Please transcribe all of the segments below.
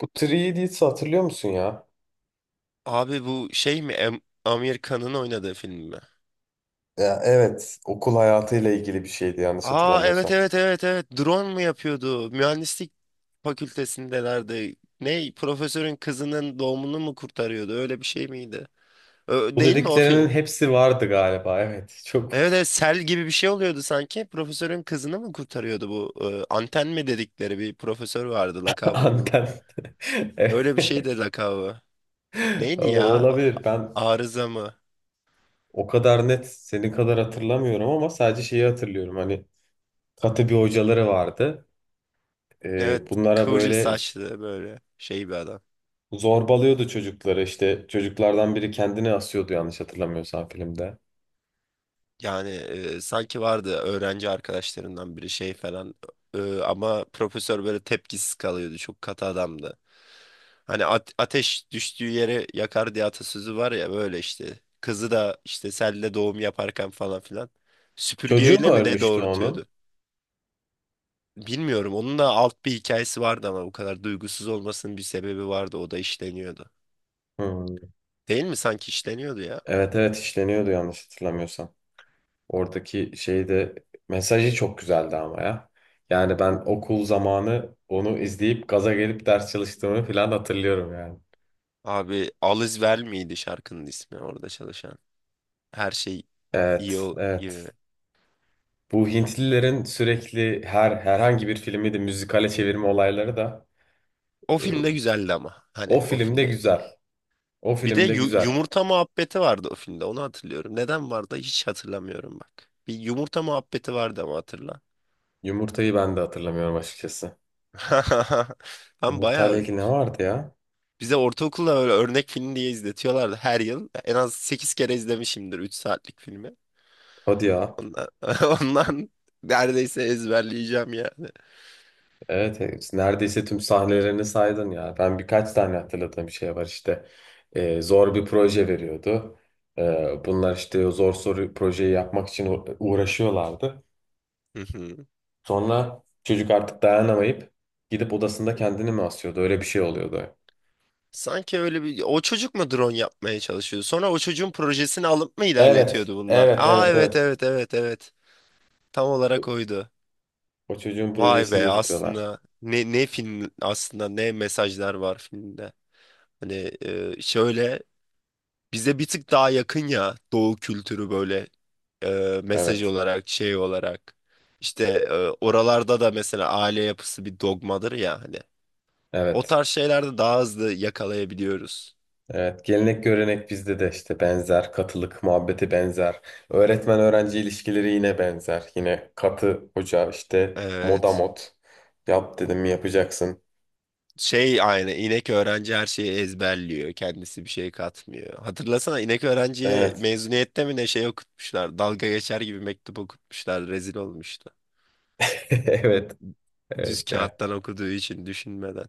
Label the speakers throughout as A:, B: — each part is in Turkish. A: Bu 3 Idiots'ı hatırlıyor musun ya?
B: Abi bu şey mi? Amir Khan'ın oynadığı film mi?
A: Ya evet, okul hayatıyla ilgili bir şeydi yanlış
B: Aa evet
A: hatırlamıyorsam.
B: evet evet evet. Drone mu yapıyordu? Mühendislik fakültesindelerdi. Ne? Profesörün kızının doğumunu mu kurtarıyordu? Öyle bir şey miydi? Ö-
A: Bu
B: değil mi o film?
A: dediklerinin hepsi vardı galiba. Evet. Çok
B: Evet, evet sel gibi bir şey oluyordu sanki. Profesörün kızını mı kurtarıyordu bu? Anten mi dedikleri bir profesör vardı lakabını.
A: anten.
B: Öyle bir şey
A: Evet.
B: de lakabı. Neydi ya?
A: Olabilir. Ben
B: Arıza mı?
A: o kadar net senin kadar hatırlamıyorum ama sadece şeyi hatırlıyorum. Hani katı bir hocaları vardı.
B: Evet,
A: Bunlara
B: kıvırcık
A: böyle
B: saçlı böyle şey bir adam.
A: zorbalıyordu çocukları. İşte çocuklardan biri kendini asıyordu yanlış hatırlamıyorsam filmde.
B: Yani sanki vardı öğrenci arkadaşlarından biri şey falan. Ama profesör böyle tepkisiz kalıyordu, çok katı adamdı. Hani ateş düştüğü yere yakar diye atasözü var ya, böyle işte kızı da işte selle doğum yaparken falan filan
A: Çocuğu
B: süpürgeyle
A: mu
B: mi ne
A: ölmüştü onun?
B: doğurtuyordu? Bilmiyorum, onun da alt bir hikayesi vardı ama bu kadar duygusuz olmasının bir sebebi vardı, o da işleniyordu.
A: Hmm.
B: Değil mi, sanki işleniyordu ya?
A: Evet, evet, işleniyordu yanlış hatırlamıyorsam. Oradaki şeyde mesajı çok güzeldi ama ya. Yani ben okul zamanı onu izleyip gaza gelip ders çalıştığımı falan hatırlıyorum yani.
B: Abi Alice Vel miydi şarkının ismi orada çalışan? Her şey iyi
A: Evet,
B: ol iyi.
A: evet. Bu Hintlilerin sürekli herhangi bir filmi de müzikale çevirme olayları da
B: O
A: e,
B: filmde güzeldi ama, hani
A: o
B: o
A: filmde
B: filmde.
A: güzel. O
B: Bir de
A: filmde güzel.
B: yumurta muhabbeti vardı o filmde, onu hatırlıyorum. Neden vardı hiç hatırlamıyorum bak. Bir yumurta muhabbeti vardı ama hatırla.
A: Yumurtayı ben de hatırlamıyorum açıkçası.
B: Ben
A: Yumurtayla
B: bayağı,
A: ilgili ne vardı ya?
B: bize ortaokulda öyle örnek film diye izletiyorlardı her yıl. En az 8 kere izlemişimdir 3 saatlik filmi.
A: Hadi ya.
B: Ondan, ondan neredeyse ezberleyeceğim yani.
A: Evet, evet, neredeyse tüm sahnelerini saydın ya. Ben birkaç tane hatırladığım şey var işte. Zor bir proje veriyordu. Bunlar işte o zor soru projeyi yapmak için uğraşıyorlardı. Sonra çocuk artık dayanamayıp gidip odasında kendini mi asıyordu? Öyle bir şey oluyordu.
B: Sanki öyle bir, o çocuk mu drone yapmaya çalışıyordu? Sonra o çocuğun projesini alıp mı
A: Evet,
B: ilerletiyordu bunlar?
A: evet,
B: Aa
A: evet,
B: evet
A: evet.
B: evet evet evet. Tam olarak oydu.
A: O çocuğun
B: Vay
A: projesini
B: be,
A: yürütüyorlar.
B: aslında ne film aslında, ne mesajlar var filmde. Hani şöyle bize bir tık daha yakın ya doğu kültürü, böyle mesaj
A: Evet,
B: olarak, şey olarak. İşte e, oralarda da mesela aile yapısı bir dogmadır ya hani. O
A: evet.
B: tarz şeylerde daha hızlı yakalayabiliyoruz.
A: Evet, gelenek görenek bizde de işte benzer, katılık muhabbeti benzer, öğretmen öğrenci ilişkileri yine benzer. Yine katı hoca işte moda
B: Evet.
A: mod. Yap dedim mi yapacaksın.
B: Şey, aynı inek öğrenci her şeyi ezberliyor. Kendisi bir şey katmıyor. Hatırlasana, inek öğrenciye
A: Evet.
B: mezuniyette mi ne şey okutmuşlar. Dalga geçer gibi mektup okutmuşlar. Rezil olmuştu.
A: Evet. Evet
B: Düz
A: ya.
B: kağıttan okuduğu için, düşünmeden.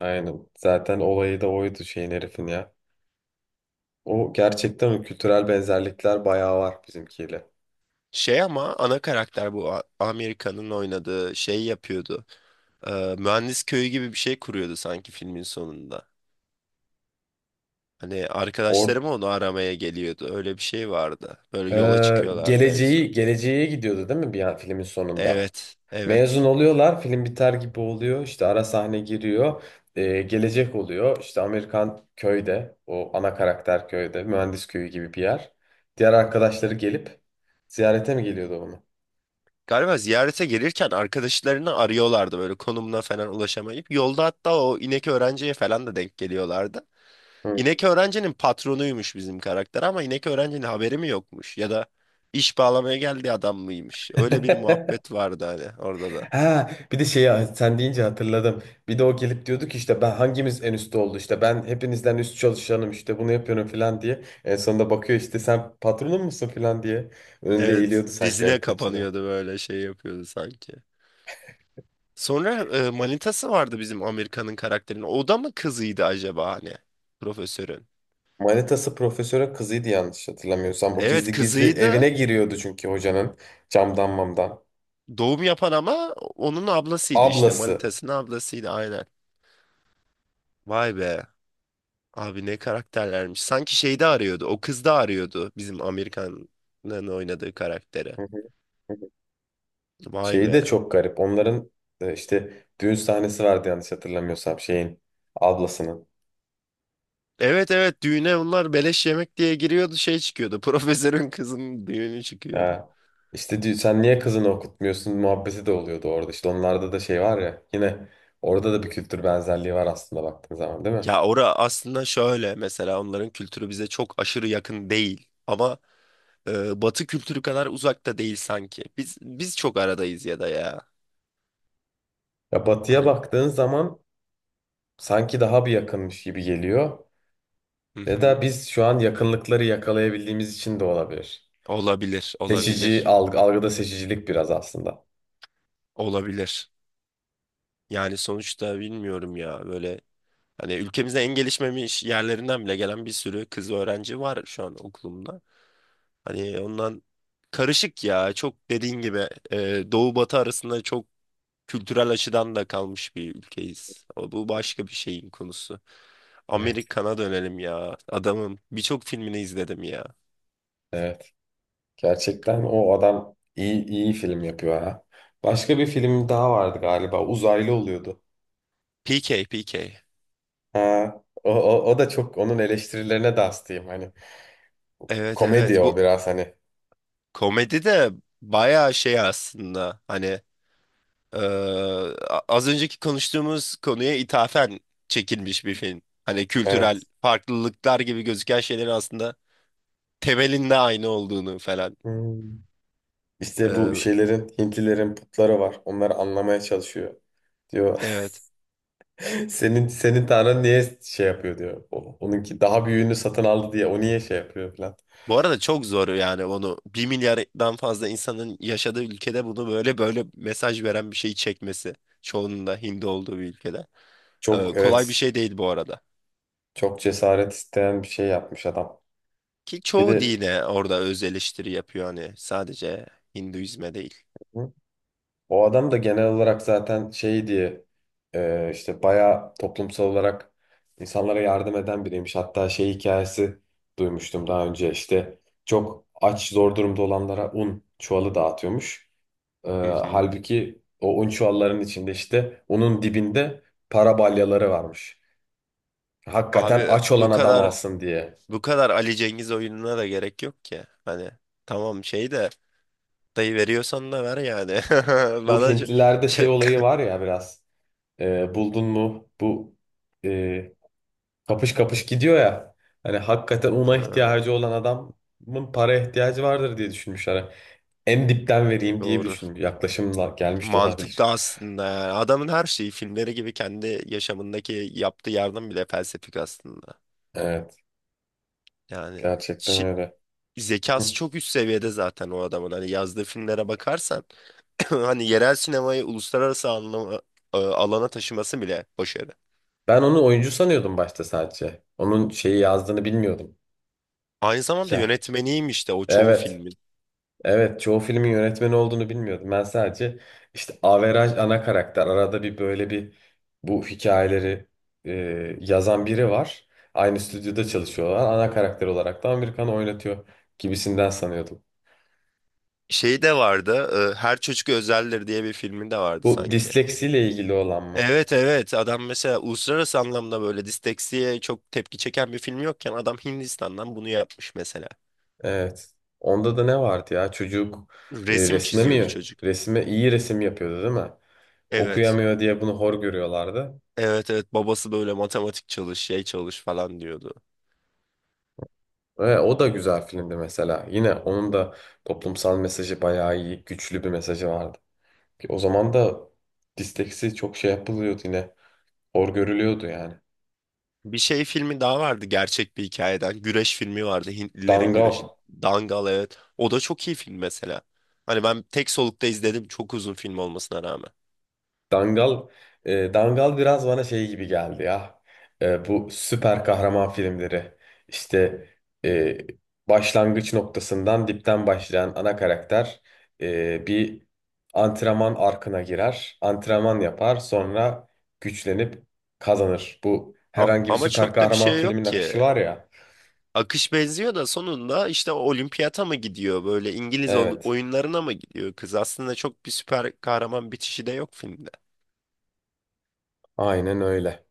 A: Aynen. Zaten olayı da oydu şeyin herifin ya. O gerçekten o kültürel benzerlikler bayağı var bizimkiyle.
B: Şey, ama ana karakter bu Amerika'nın oynadığı şey yapıyordu. Mühendis köyü gibi bir şey kuruyordu sanki filmin sonunda. Hani
A: Or
B: arkadaşlarım onu aramaya geliyordu. Öyle bir şey vardı. Böyle yola çıkıyorlardı en
A: Geleceği
B: son.
A: geleceğe gidiyordu değil mi bir an filmin sonunda?
B: Evet,
A: Mezun
B: evet.
A: oluyorlar, film biter gibi oluyor. İşte ara sahne giriyor. Gelecek oluyor. İşte Amerikan köyde, o ana karakter köyde, mühendis köyü gibi bir yer. Diğer arkadaşları gelip ziyarete mi geliyordu onu?
B: Galiba ziyarete gelirken arkadaşlarını arıyorlardı böyle, konumuna falan ulaşamayıp. Yolda hatta o inek öğrenciye falan da denk geliyorlardı.
A: Hı.
B: İnek öğrencinin patronuymuş bizim karakter, ama inek öğrencinin haberi mi yokmuş, ya da iş bağlamaya geldiği adam mıymış? Öyle bir muhabbet vardı hani orada da.
A: Ha, bir de şeyi sen deyince hatırladım. Bir de o gelip diyordu ki işte ben hangimiz en üstte oldu işte ben hepinizden üst çalışanım işte bunu yapıyorum falan diye. En sonunda bakıyor işte sen patronun musun falan diye. Önünde
B: Evet,
A: eğiliyordu sanki el
B: dizine
A: pençede.
B: kapanıyordu böyle, şey yapıyordu sanki. Sonra manitası vardı bizim Amerika'nın karakterinin. O da mı kızıydı acaba hani profesörün?
A: Manitası profesöre kızıydı yanlış hatırlamıyorsam. Bu
B: Evet,
A: gizli gizli evine
B: kızıydı.
A: giriyordu çünkü hocanın camdan mamdan.
B: Doğum yapan ama onun ablasıydı işte.
A: Ablası.
B: Manitasının ablasıydı, aynen. Vay be. Abi ne karakterlermiş. Sanki şeyde arıyordu. O kız da arıyordu. Bizim Amerikan'ın oynadığı karakteri.
A: Hı hı, hı hı.
B: Vay
A: Şeyi
B: be.
A: de çok garip. Onların işte düğün sahnesi vardı yanlış hatırlamıyorsam şeyin ablasının.
B: Evet evet, düğüne bunlar beleş yemek diye giriyordu, şey çıkıyordu. Profesörün kızının düğünü çıkıyordu.
A: Ha. İşte diyor, sen niye kızını okutmuyorsun muhabbeti de oluyordu orada. İşte onlarda da şey var ya yine orada da bir kültür benzerliği var aslında baktığın zaman değil mi?
B: Ya ora aslında şöyle, mesela onların kültürü bize çok aşırı yakın değil. Ama Batı kültürü kadar uzakta değil sanki. Biz çok aradayız ya da ya.
A: Ya batıya
B: Hani
A: baktığın zaman sanki daha bir yakınmış gibi geliyor. Ya da biz şu an yakınlıkları yakalayabildiğimiz için de olabilir.
B: Olabilir,
A: Seçici
B: olabilir,
A: algı, algıda seçicilik biraz aslında.
B: olabilir. Yani sonuçta bilmiyorum ya, böyle hani ülkemizde en gelişmemiş yerlerinden bile gelen bir sürü kız öğrenci var şu an okulumda. Hani ondan karışık ya, çok dediğin gibi doğu batı arasında, çok kültürel açıdan da kalmış bir ülkeyiz. O, bu başka bir şeyin konusu.
A: Evet.
B: Amerikan'a dönelim ya, adamım birçok filmini izledim ya.
A: Evet. Gerçekten o adam iyi iyi film yapıyor ha. Başka bir film daha vardı galiba. Uzaylı oluyordu.
B: PK, PK.
A: Ha, o da çok onun eleştirilerine de hastayım. Hani
B: Evet evet,
A: komedi o
B: bu
A: biraz hani.
B: komedi de bayağı şey aslında, hani Ee, az önceki konuştuğumuz konuya ithafen çekilmiş bir film. Hani kültürel
A: Evet.
B: farklılıklar gibi gözüken şeylerin aslında temelinde aynı olduğunu falan.
A: Hmm. İşte bu
B: Ee,
A: şeylerin, Hintlilerin putları var. Onları anlamaya çalışıyor. Diyor
B: evet.
A: senin tanrın niye şey yapıyor diyor. Onunki daha büyüğünü satın aldı diye o niye şey yapıyor falan.
B: Bu arada çok zor yani onu 1 milyardan fazla insanın yaşadığı ülkede bunu böyle böyle mesaj veren bir şeyi çekmesi. Çoğunun da Hindi olduğu bir ülkede. Ee,
A: Çok
B: kolay bir
A: evet,
B: şey değil bu arada.
A: çok cesaret isteyen bir şey yapmış adam.
B: Ki
A: Bir
B: çoğu
A: de
B: dine orada öz eleştiri yapıyor, hani sadece Hinduizme değil.
A: o adam da genel olarak zaten şey diye işte bayağı toplumsal olarak insanlara yardım eden biriymiş. Hatta şey hikayesi duymuştum daha önce işte çok aç zor durumda olanlara un çuvalı dağıtıyormuş. E,
B: Hı hı.
A: Halbuki o un çuvallarının içinde işte unun dibinde para balyaları varmış. Hakikaten
B: Abi
A: aç olan
B: bu
A: adam
B: kadar
A: alsın diye.
B: Bu kadar Ali Cengiz oyununa da gerek yok ki. Hani tamam, şey de, dayı veriyorsan da ver yani.
A: Bu
B: Bana
A: Hintlilerde şey
B: şey,
A: olayı var ya biraz. Buldun mu bu e, kapış kapış gidiyor ya. Hani hakikaten ona
B: Ee,
A: ihtiyacı olan adamın paraya ihtiyacı vardır diye düşünmüşler. Hani en dipten vereyim diye bir
B: doğru.
A: düşün yaklaşımla gelmiş de
B: Mantıklı
A: olabilir.
B: aslında, yani. Adamın her şeyi filmleri gibi, kendi yaşamındaki yaptığı yardım bile felsefik aslında.
A: Evet,
B: Yani
A: gerçekten
B: şi-
A: öyle.
B: zekası
A: Hı.
B: çok üst seviyede zaten o adamın. Hani yazdığı filmlere bakarsan hani yerel sinemayı uluslararası anlama, alana taşıması bile başarı.
A: Ben onu oyuncu sanıyordum başta sadece. Onun şeyi yazdığını bilmiyordum.
B: Aynı zamanda
A: Ya,
B: yönetmeniymiş de o çoğu
A: evet.
B: filmin.
A: Evet, çoğu filmin yönetmeni olduğunu bilmiyordum. Ben sadece işte averaj ana karakter. Arada bir böyle bir bu hikayeleri e, yazan biri var. Aynı stüdyoda çalışıyorlar. Ana karakter olarak da Amerikan oynatıyor gibisinden sanıyordum.
B: Şey de vardı. Her Çocuk Özeldir diye bir filmi de vardı
A: Bu
B: sanki.
A: disleksiyle ilgili olan mı?
B: Evet evet, adam mesela uluslararası anlamda böyle disteksiye çok tepki çeken bir film yokken adam Hindistan'dan bunu yapmış mesela.
A: Evet. Onda da ne vardı ya? Çocuk
B: Resim
A: resme
B: çiziyordu
A: mi?
B: çocuk.
A: Resme iyi resim yapıyordu değil mi?
B: Evet.
A: Okuyamıyor diye bunu hor görüyorlardı.
B: Evet evet, babası böyle matematik çalış, şey çalış falan diyordu.
A: Ve o da güzel filmdi mesela. Yine onun da toplumsal mesajı bayağı iyi, güçlü bir mesajı vardı. Ki o zaman da disteksi çok şey yapılıyordu yine. Hor görülüyordu yani.
B: Bir şey, filmi daha vardı gerçek bir hikayeden. Güreş filmi vardı. Hintlilerin güreşi.
A: Dangal.
B: Dangal, evet. O da çok iyi film mesela. Hani ben tek solukta izledim, çok uzun film olmasına rağmen.
A: Dangal, Dangal biraz bana şey gibi geldi ya. E, bu süper kahraman filmleri. İşte e, başlangıç noktasından dipten başlayan ana karakter bir antrenman arkına girer, antrenman yapar, sonra güçlenip kazanır. Bu herhangi bir
B: Ama
A: süper
B: çok da bir
A: kahraman
B: şey
A: filmin
B: yok
A: akışı
B: ki.
A: var ya.
B: Akış benziyor da, sonunda işte olimpiyata mı gidiyor, böyle İngiliz
A: Evet,
B: oyunlarına mı gidiyor kız? Aslında çok bir süper kahraman bitişi de yok
A: aynen öyle.